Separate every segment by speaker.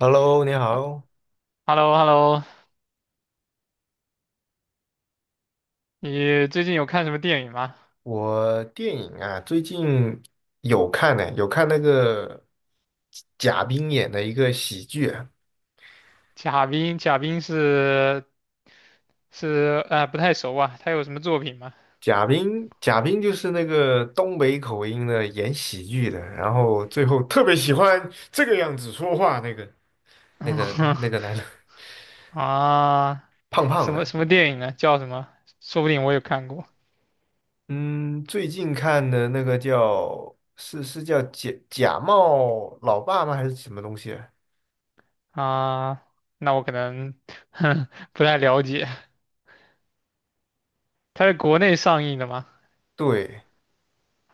Speaker 1: Hello，你好。
Speaker 2: h e l l o h e l l o 你最近有看什么电影吗？
Speaker 1: 我电影啊，最近有看那个贾冰演的一个喜剧啊。
Speaker 2: 贾冰，贾冰是不太熟啊，他有什么作品吗？
Speaker 1: 贾冰就是那个东北口音的演喜剧的，然后最后特别喜欢这个样子说话那个那个男的，
Speaker 2: 啊，
Speaker 1: 胖胖
Speaker 2: 什么
Speaker 1: 的。
Speaker 2: 什么电影呢？叫什么？说不定我有看过。
Speaker 1: 嗯，最近看的那个叫是叫假冒老爸吗？还是什么东西啊。
Speaker 2: 啊，那我可能 不太了解。他是国内上映的吗？
Speaker 1: 对，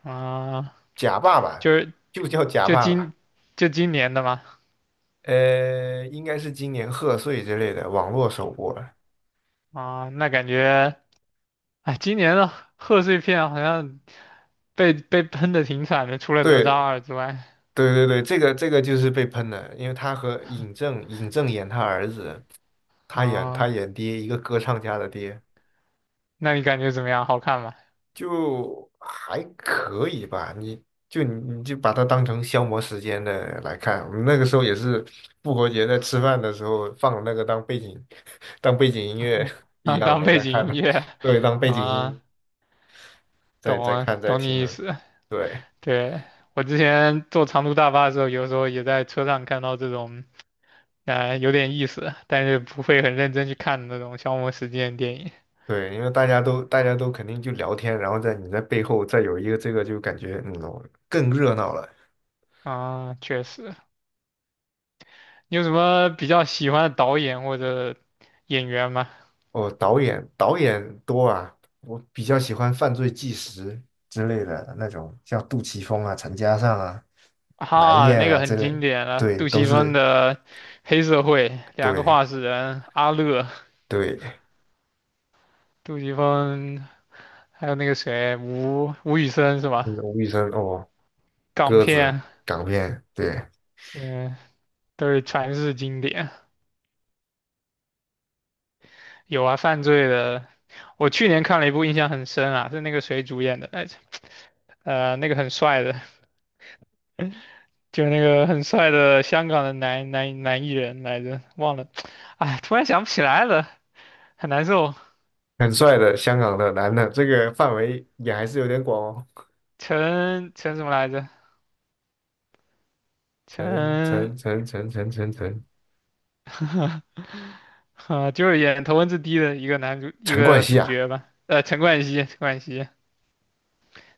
Speaker 2: 啊，
Speaker 1: 假爸爸
Speaker 2: 就是
Speaker 1: 就叫假
Speaker 2: 就
Speaker 1: 爸爸。
Speaker 2: 今就今年的吗？
Speaker 1: 应该是今年贺岁之类的网络首播了。
Speaker 2: 啊，那感觉哎，今年的贺岁片好像被喷的挺惨的，除了哪吒
Speaker 1: 对，
Speaker 2: 二之外
Speaker 1: 对对对，这个就是被喷的，因为他和尹正，尹正演他儿子，他演他
Speaker 2: 啊。
Speaker 1: 演爹，一个歌唱家的爹。
Speaker 2: 那你感觉怎么样？好看吗？
Speaker 1: 就还可以吧。你就把它当成消磨时间的来看。我们那个时候也是复活节在吃饭的时候放那个当背景 当背景音乐 一
Speaker 2: 啊，
Speaker 1: 样
Speaker 2: 当
Speaker 1: 的
Speaker 2: 背
Speaker 1: 在
Speaker 2: 景
Speaker 1: 看
Speaker 2: 音
Speaker 1: 的。
Speaker 2: 乐。
Speaker 1: 对，当背景音
Speaker 2: 啊，
Speaker 1: 在
Speaker 2: 懂
Speaker 1: 在
Speaker 2: 啊，
Speaker 1: 看在
Speaker 2: 懂
Speaker 1: 听
Speaker 2: 你意
Speaker 1: 的。
Speaker 2: 思。
Speaker 1: 对。
Speaker 2: 对，我之前坐长途大巴的时候，有时候也在车上看到这种，有点意思，但是不会很认真去看的那种消磨时间的电影
Speaker 1: 对，因为大家都肯定就聊天，然后在你在背后再有一个这个，就感觉更热闹了。
Speaker 2: 啊。确实，你有什么比较喜欢的导演或者演员吗？
Speaker 1: 哦，导演多啊。我比较喜欢犯罪纪实之类的那种，像杜琪峰啊、陈嘉上啊、南
Speaker 2: 哈，
Speaker 1: 燕
Speaker 2: 那个
Speaker 1: 啊之
Speaker 2: 很
Speaker 1: 类。
Speaker 2: 经典了，
Speaker 1: 对，
Speaker 2: 杜
Speaker 1: 都
Speaker 2: 琪峰
Speaker 1: 是。
Speaker 2: 的《黑社会》，两个
Speaker 1: 对
Speaker 2: 话事人，阿乐，
Speaker 1: 对，
Speaker 2: 杜琪峰还有那个谁，吴宇森是吧？
Speaker 1: 嗯吴宇森哦。
Speaker 2: 港
Speaker 1: 鸽子，
Speaker 2: 片，
Speaker 1: 港片。对。
Speaker 2: 嗯，都是传世经典。有啊，犯罪的，我去年看了一部，印象很深啊，是那个谁主演的来着。那个很帅的，就那个很帅的香港的男艺人来着，忘了，哎，突然想不起来了，很难受。
Speaker 1: 很帅的香港的男的，这个范围也还是有点广哦。
Speaker 2: 陈什么来着？
Speaker 1: 陈
Speaker 2: 陈，
Speaker 1: 陈陈陈陈陈陈
Speaker 2: 啊，就是演头文字 D 的一
Speaker 1: 陈冠
Speaker 2: 个
Speaker 1: 希
Speaker 2: 主
Speaker 1: 啊。
Speaker 2: 角吧。陈冠希，陈冠希。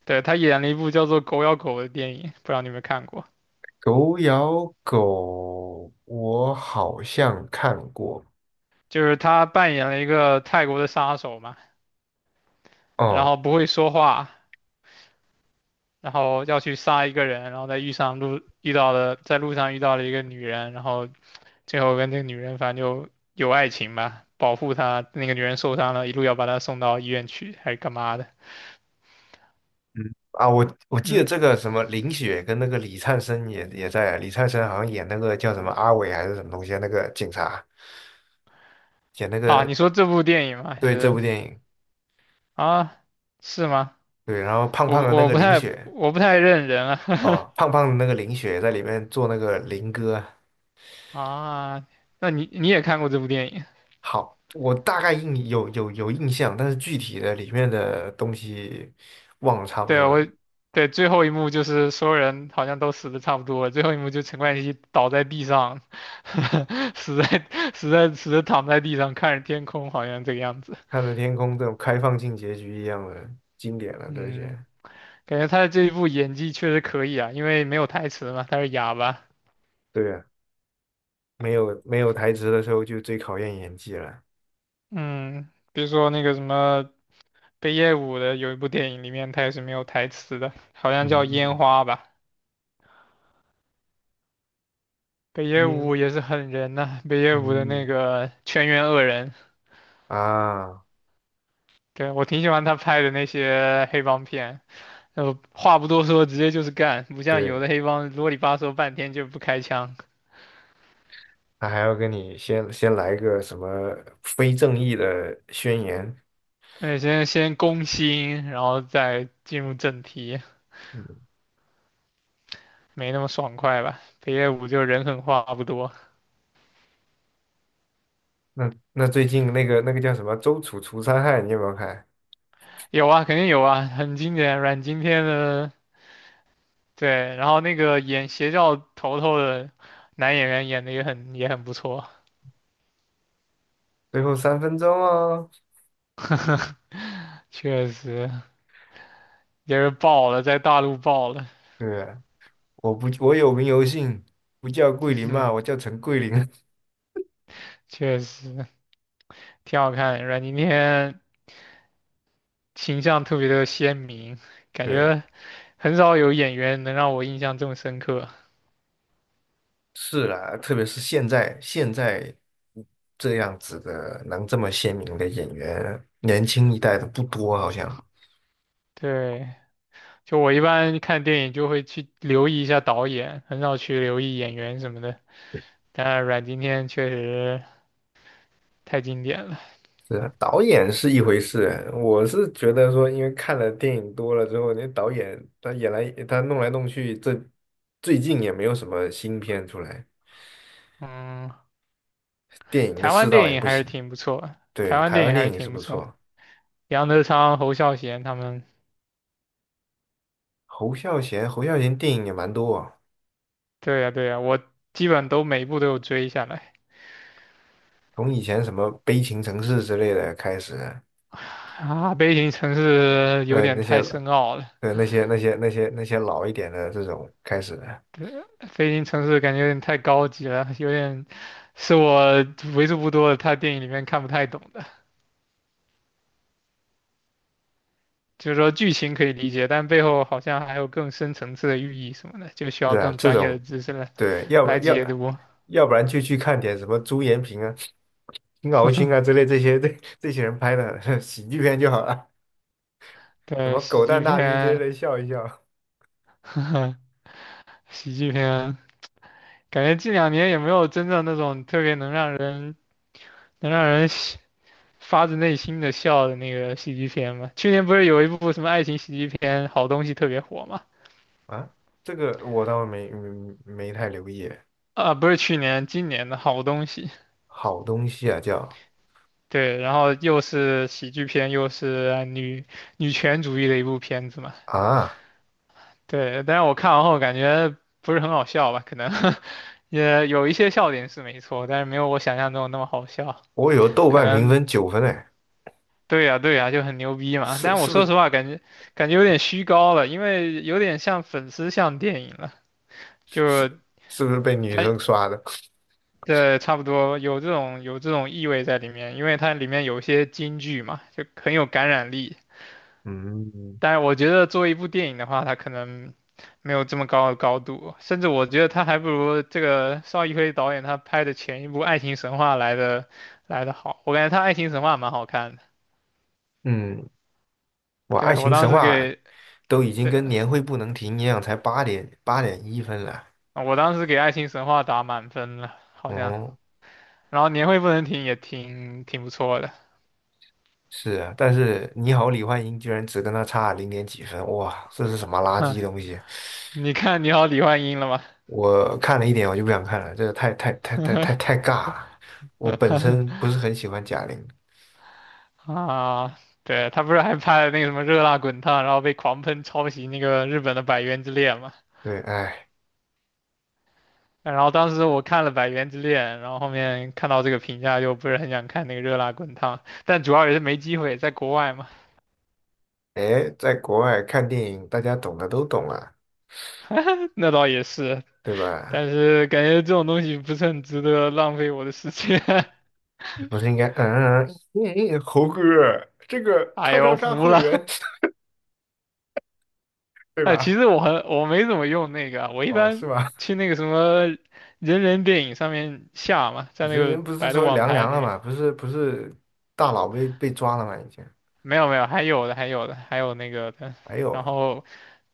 Speaker 2: 对，他演了一部叫做《狗咬狗》的电影，不知道你有没有看过？
Speaker 1: 狗咬狗，我好像看过
Speaker 2: 就是他扮演了一个泰国的杀手嘛，然
Speaker 1: 哦。
Speaker 2: 后不会说话，然后要去杀一个人，然后在路上遇到了一个女人，然后最后跟这个女人反正就有爱情吧，保护她，那个女人受伤了，一路要把她送到医院去，还是干嘛的？
Speaker 1: 嗯，啊，我记得
Speaker 2: 嗯，
Speaker 1: 这个什么林雪跟那个李灿森也在啊，李灿森好像演那个叫什么阿伟还是什么东西啊，那个警察演那
Speaker 2: 啊，
Speaker 1: 个。
Speaker 2: 你说这部电影吗？还
Speaker 1: 对，这
Speaker 2: 是
Speaker 1: 部电影。
Speaker 2: 啊，是吗？
Speaker 1: 对，然后胖
Speaker 2: 我
Speaker 1: 胖的那
Speaker 2: 我
Speaker 1: 个
Speaker 2: 不
Speaker 1: 林
Speaker 2: 太
Speaker 1: 雪。
Speaker 2: 我不太认人了。
Speaker 1: 哦，胖胖的那个林雪在里面做那个林哥。
Speaker 2: 啊，那你也看过这部电影？
Speaker 1: 好，我大概印有有有印象，但是具体的里面的东西忘了差不
Speaker 2: 对，
Speaker 1: 多了。
Speaker 2: 对最后一幕就是所有人好像都死的差不多了，最后一幕就陈冠希倒在地上，死在死在死的躺在地上看着天空，好像这个样子。
Speaker 1: 看着天空这种开放性结局一样的，经典了，这些。
Speaker 2: 嗯，感觉他的这一部演技确实可以啊，因为没有台词嘛，他是哑巴。
Speaker 1: 对啊，没有台词的时候就最考验演技了。
Speaker 2: 嗯，比如说那个什么北野武的有一部电影里面他也是没有台词的，好像叫《烟
Speaker 1: 嗯，
Speaker 2: 花》吧。北野
Speaker 1: 烟，
Speaker 2: 武也是狠人呐、北野武的那
Speaker 1: 嗯
Speaker 2: 个全员恶人。
Speaker 1: 啊。
Speaker 2: 对，我挺喜欢他拍的那些黑帮片，话不多说，直接就是干，不像有
Speaker 1: 对，
Speaker 2: 的黑帮啰里吧嗦半天就不开枪，
Speaker 1: 他还要跟你先来个什么非正义的宣言。
Speaker 2: 那先攻心，然后再进入正题，
Speaker 1: 嗯，
Speaker 2: 没那么爽快吧？北野武就人狠话不多。
Speaker 1: 那最近那个叫什么《周楚除三害》，你有没有看？
Speaker 2: 有啊，肯定有啊，很经典，阮经天的。对，然后那个演邪教头头的男演员演的也很不错，
Speaker 1: 最后3分钟哦。
Speaker 2: 确实也是爆了，在大陆爆了。
Speaker 1: 对啊，我不我有名有姓，不叫桂 林嘛，
Speaker 2: 嗯，
Speaker 1: 我叫陈桂林。
Speaker 2: 确实挺好看，阮经天。形象特别的鲜明，感
Speaker 1: 对啊，
Speaker 2: 觉很少有演员能让我印象这么深刻。
Speaker 1: 是啦，特别是现在这样子的能这么鲜明的演员，年轻一代的不多，好像
Speaker 2: 对，就我一般看电影就会去留意一下导演，很少去留意演员什么的。但阮经天确实太经典了。
Speaker 1: 是啊。导演是一回事。我是觉得说，因为看了电影多了之后，那导演他弄来弄去，这最近也没有什么新片出来，
Speaker 2: 嗯，
Speaker 1: 电影的
Speaker 2: 台
Speaker 1: 世
Speaker 2: 湾
Speaker 1: 道
Speaker 2: 电
Speaker 1: 也
Speaker 2: 影
Speaker 1: 不
Speaker 2: 还是
Speaker 1: 行。
Speaker 2: 挺不错，台
Speaker 1: 对，
Speaker 2: 湾
Speaker 1: 台
Speaker 2: 电影
Speaker 1: 湾
Speaker 2: 还
Speaker 1: 电
Speaker 2: 是
Speaker 1: 影是
Speaker 2: 挺不
Speaker 1: 不
Speaker 2: 错。
Speaker 1: 错。
Speaker 2: 杨德昌、侯孝贤他们，
Speaker 1: 侯孝贤电影也蛮多啊，
Speaker 2: 对呀对呀，我基本都每一部都有追下来。
Speaker 1: 从以前什么《悲情城市》之类的开始。
Speaker 2: 啊，悲情城市有点
Speaker 1: 那些。
Speaker 2: 太深奥了。
Speaker 1: 那些老一点的这种开始的。
Speaker 2: 对，飞行城市感觉有点太高级了，有点是我为数不多的他电影里面看不太懂的。就是说剧情可以理解，但背后好像还有更深层次的寓意什么的，就需
Speaker 1: 是
Speaker 2: 要
Speaker 1: 啊，
Speaker 2: 更
Speaker 1: 这
Speaker 2: 专业的
Speaker 1: 种。
Speaker 2: 知识来
Speaker 1: 对，
Speaker 2: 来解读。
Speaker 1: 要不然就去看点什么朱延平啊、金鳌勋啊之类，这些人拍的 喜剧片就好了，什
Speaker 2: 对，
Speaker 1: 么狗
Speaker 2: 喜
Speaker 1: 蛋
Speaker 2: 剧
Speaker 1: 大兵之
Speaker 2: 片。
Speaker 1: 类的笑一笑。
Speaker 2: 呵呵喜剧片，感觉近两年也没有真正那种特别能让人发自内心的笑的那个喜剧片嘛。去年不是有一部什么爱情喜剧片《好东西》特别火嘛？
Speaker 1: 啊，这个我倒没太留意。
Speaker 2: 啊，不是去年，今年的好东西。
Speaker 1: 好东西啊，
Speaker 2: 对，然后又是喜剧片，又是女权主义的一部片子嘛。
Speaker 1: 啊，
Speaker 2: 对，但是我看完后感觉不是很好笑吧？可能 也有一些笑点是没错，但是没有我想象中那么好笑。
Speaker 1: 我有豆
Speaker 2: 可
Speaker 1: 瓣评
Speaker 2: 能
Speaker 1: 分9分哎。
Speaker 2: 对呀，对呀，就很牛逼嘛。
Speaker 1: 是
Speaker 2: 但我
Speaker 1: 是不
Speaker 2: 说
Speaker 1: 是
Speaker 2: 实话，感觉有点虚高了，因为有点像粉丝向电影了，就
Speaker 1: 是不是被女
Speaker 2: 它
Speaker 1: 生刷的？
Speaker 2: 对，差不多有这种意味在里面，因为它里面有一些金句嘛，就很有感染力。
Speaker 1: 嗯
Speaker 2: 但是我觉得作为一部电影的话，它可能没有这么高的高度，甚至我觉得它还不如这个邵艺辉导演他拍的前一部《爱情神话》来的好。我感觉他《爱情神话》蛮好看的。
Speaker 1: 嗯，我爱
Speaker 2: 对，我
Speaker 1: 情
Speaker 2: 当
Speaker 1: 神
Speaker 2: 时
Speaker 1: 话
Speaker 2: 给，
Speaker 1: 都已经
Speaker 2: 对，
Speaker 1: 跟年会不能停一样，才八点一分了。
Speaker 2: 我当时给《爱情神话》打满分了，好像。
Speaker 1: 哦。
Speaker 2: 然后年会不能停也挺不错的。
Speaker 1: 是啊，但是你好，李焕英居然只跟他差0.几分，哇，这是什么垃
Speaker 2: 嗯，
Speaker 1: 圾东西？
Speaker 2: 你看你好李焕英了吗？
Speaker 1: 我看了一点我就不想看了，这个太尬了。我本身不是很喜欢贾玲。
Speaker 2: 啊，对，他不是还拍了那个什么《热辣滚烫》，然后被狂喷抄袭那个日本的《百元之恋》吗？
Speaker 1: 对。哎
Speaker 2: 然后当时我看了《百元之恋》，然后后面看到这个评价，就不是很想看那个《热辣滚烫》，但主要也是没机会，在国外嘛。
Speaker 1: 哎，在国外看电影，大家懂的都懂啊，
Speaker 2: 那倒也是，
Speaker 1: 对吧？
Speaker 2: 但是感觉这种东西不是很值得浪费我的时间。
Speaker 1: 不是应该猴哥这 个
Speaker 2: 哎
Speaker 1: 叉
Speaker 2: 呦，
Speaker 1: 叉
Speaker 2: 我
Speaker 1: 叉
Speaker 2: 服
Speaker 1: 会
Speaker 2: 了！
Speaker 1: 员 对
Speaker 2: 哎，其
Speaker 1: 吧？
Speaker 2: 实我没怎么用那个啊，我一
Speaker 1: 哦，是
Speaker 2: 般
Speaker 1: 吧？
Speaker 2: 去那个什么人人电影上面下嘛，在那
Speaker 1: 人
Speaker 2: 个
Speaker 1: 人不是
Speaker 2: 百度
Speaker 1: 说
Speaker 2: 网
Speaker 1: 凉
Speaker 2: 盘
Speaker 1: 凉
Speaker 2: 里
Speaker 1: 了
Speaker 2: 面。
Speaker 1: 嘛，不是大佬被抓了吗？已经。
Speaker 2: 没有没有，还有那个的，
Speaker 1: 哎
Speaker 2: 然
Speaker 1: 呦。
Speaker 2: 后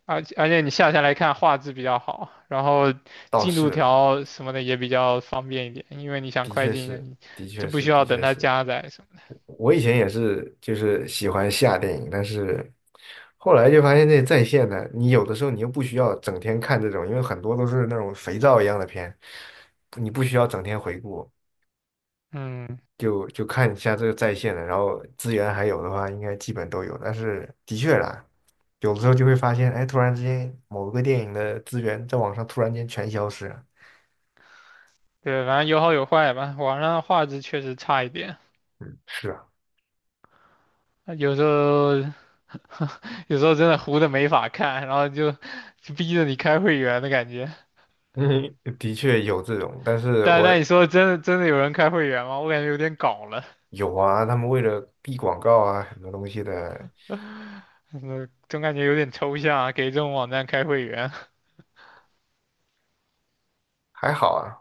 Speaker 2: 而且你下下来看画质比较好，然后
Speaker 1: 倒
Speaker 2: 进
Speaker 1: 是
Speaker 2: 度
Speaker 1: 了。
Speaker 2: 条什么的也比较方便一点，因为你想
Speaker 1: 的
Speaker 2: 快
Speaker 1: 确是，
Speaker 2: 进，
Speaker 1: 的确
Speaker 2: 就不
Speaker 1: 是，
Speaker 2: 需
Speaker 1: 的
Speaker 2: 要等
Speaker 1: 确
Speaker 2: 它
Speaker 1: 是。
Speaker 2: 加载什么的。
Speaker 1: 我以前也是，就是喜欢下电影，但是后来就发现这在线的，你有的时候你又不需要整天看这种，因为很多都是那种肥皂一样的片，你不需要整天回顾，
Speaker 2: 嗯，
Speaker 1: 就就看一下这个在线的，然后资源还有的话，应该基本都有。但是的确啦，有的时候就会发现，哎，突然之间某个电影的资源在网上突然间全消失了。
Speaker 2: 对，反正有好有坏吧。网上的画质确实差一点，
Speaker 1: 是啊。
Speaker 2: 啊有时候真的糊的没法看，然后就逼着你开会员的感觉。
Speaker 1: 嗯，的确有这种。但是
Speaker 2: 但
Speaker 1: 我
Speaker 2: 但你说真的真的有人开会员吗？我感觉有点搞了。
Speaker 1: 有啊，他们为了避广告啊，很多东西的。
Speaker 2: 嗯，总感觉有点抽象啊，给这种网站开会员。
Speaker 1: 还好啊。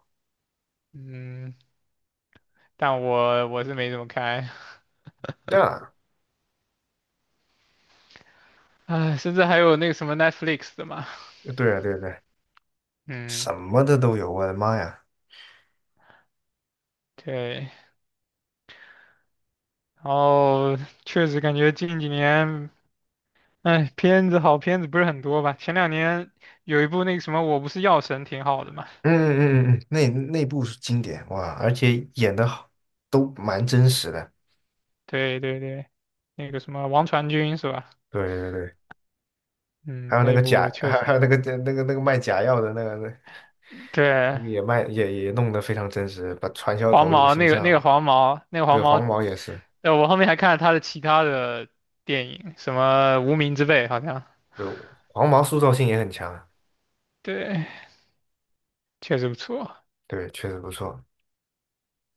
Speaker 2: 嗯，但我是没怎么开。
Speaker 1: 这样啊。
Speaker 2: 哎，甚至还有那个什么 Netflix 的嘛。
Speaker 1: 对啊，对啊对对
Speaker 2: 嗯，
Speaker 1: 什么的都有，我的妈呀！
Speaker 2: 对，然后确实感觉近几年，哎，好片子不是很多吧？前两年有一部那个什么《我不是药神》挺好的嘛。
Speaker 1: 嗯嗯嗯嗯，那部是经典哇，而且演的好，都蛮真实的。
Speaker 2: 对对对，那个什么王传君是吧？
Speaker 1: 对对对，还
Speaker 2: 嗯，
Speaker 1: 有那
Speaker 2: 那
Speaker 1: 个假。
Speaker 2: 部 确
Speaker 1: 还有
Speaker 2: 实。
Speaker 1: 那个卖假药的那个。那
Speaker 2: 对，
Speaker 1: 个也卖也弄得非常真实，把传销
Speaker 2: 黄
Speaker 1: 头子的
Speaker 2: 毛
Speaker 1: 形
Speaker 2: 那个那个
Speaker 1: 象。
Speaker 2: 黄毛那个黄
Speaker 1: 对，
Speaker 2: 毛，
Speaker 1: 黄毛也是。
Speaker 2: 我后面还看了他的其他的电影，什么《无名之辈》好像，
Speaker 1: 对，黄毛塑造性也很强啊。
Speaker 2: 对，确实不错。
Speaker 1: 对，确实不错。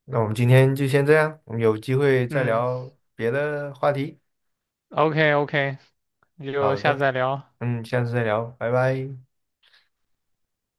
Speaker 1: 那我们今天就先这样，我们有机会再
Speaker 2: 嗯
Speaker 1: 聊别的话题。
Speaker 2: ，OK OK,那就
Speaker 1: 好
Speaker 2: 下次
Speaker 1: 的，
Speaker 2: 再聊。
Speaker 1: 嗯，下次再聊，拜拜。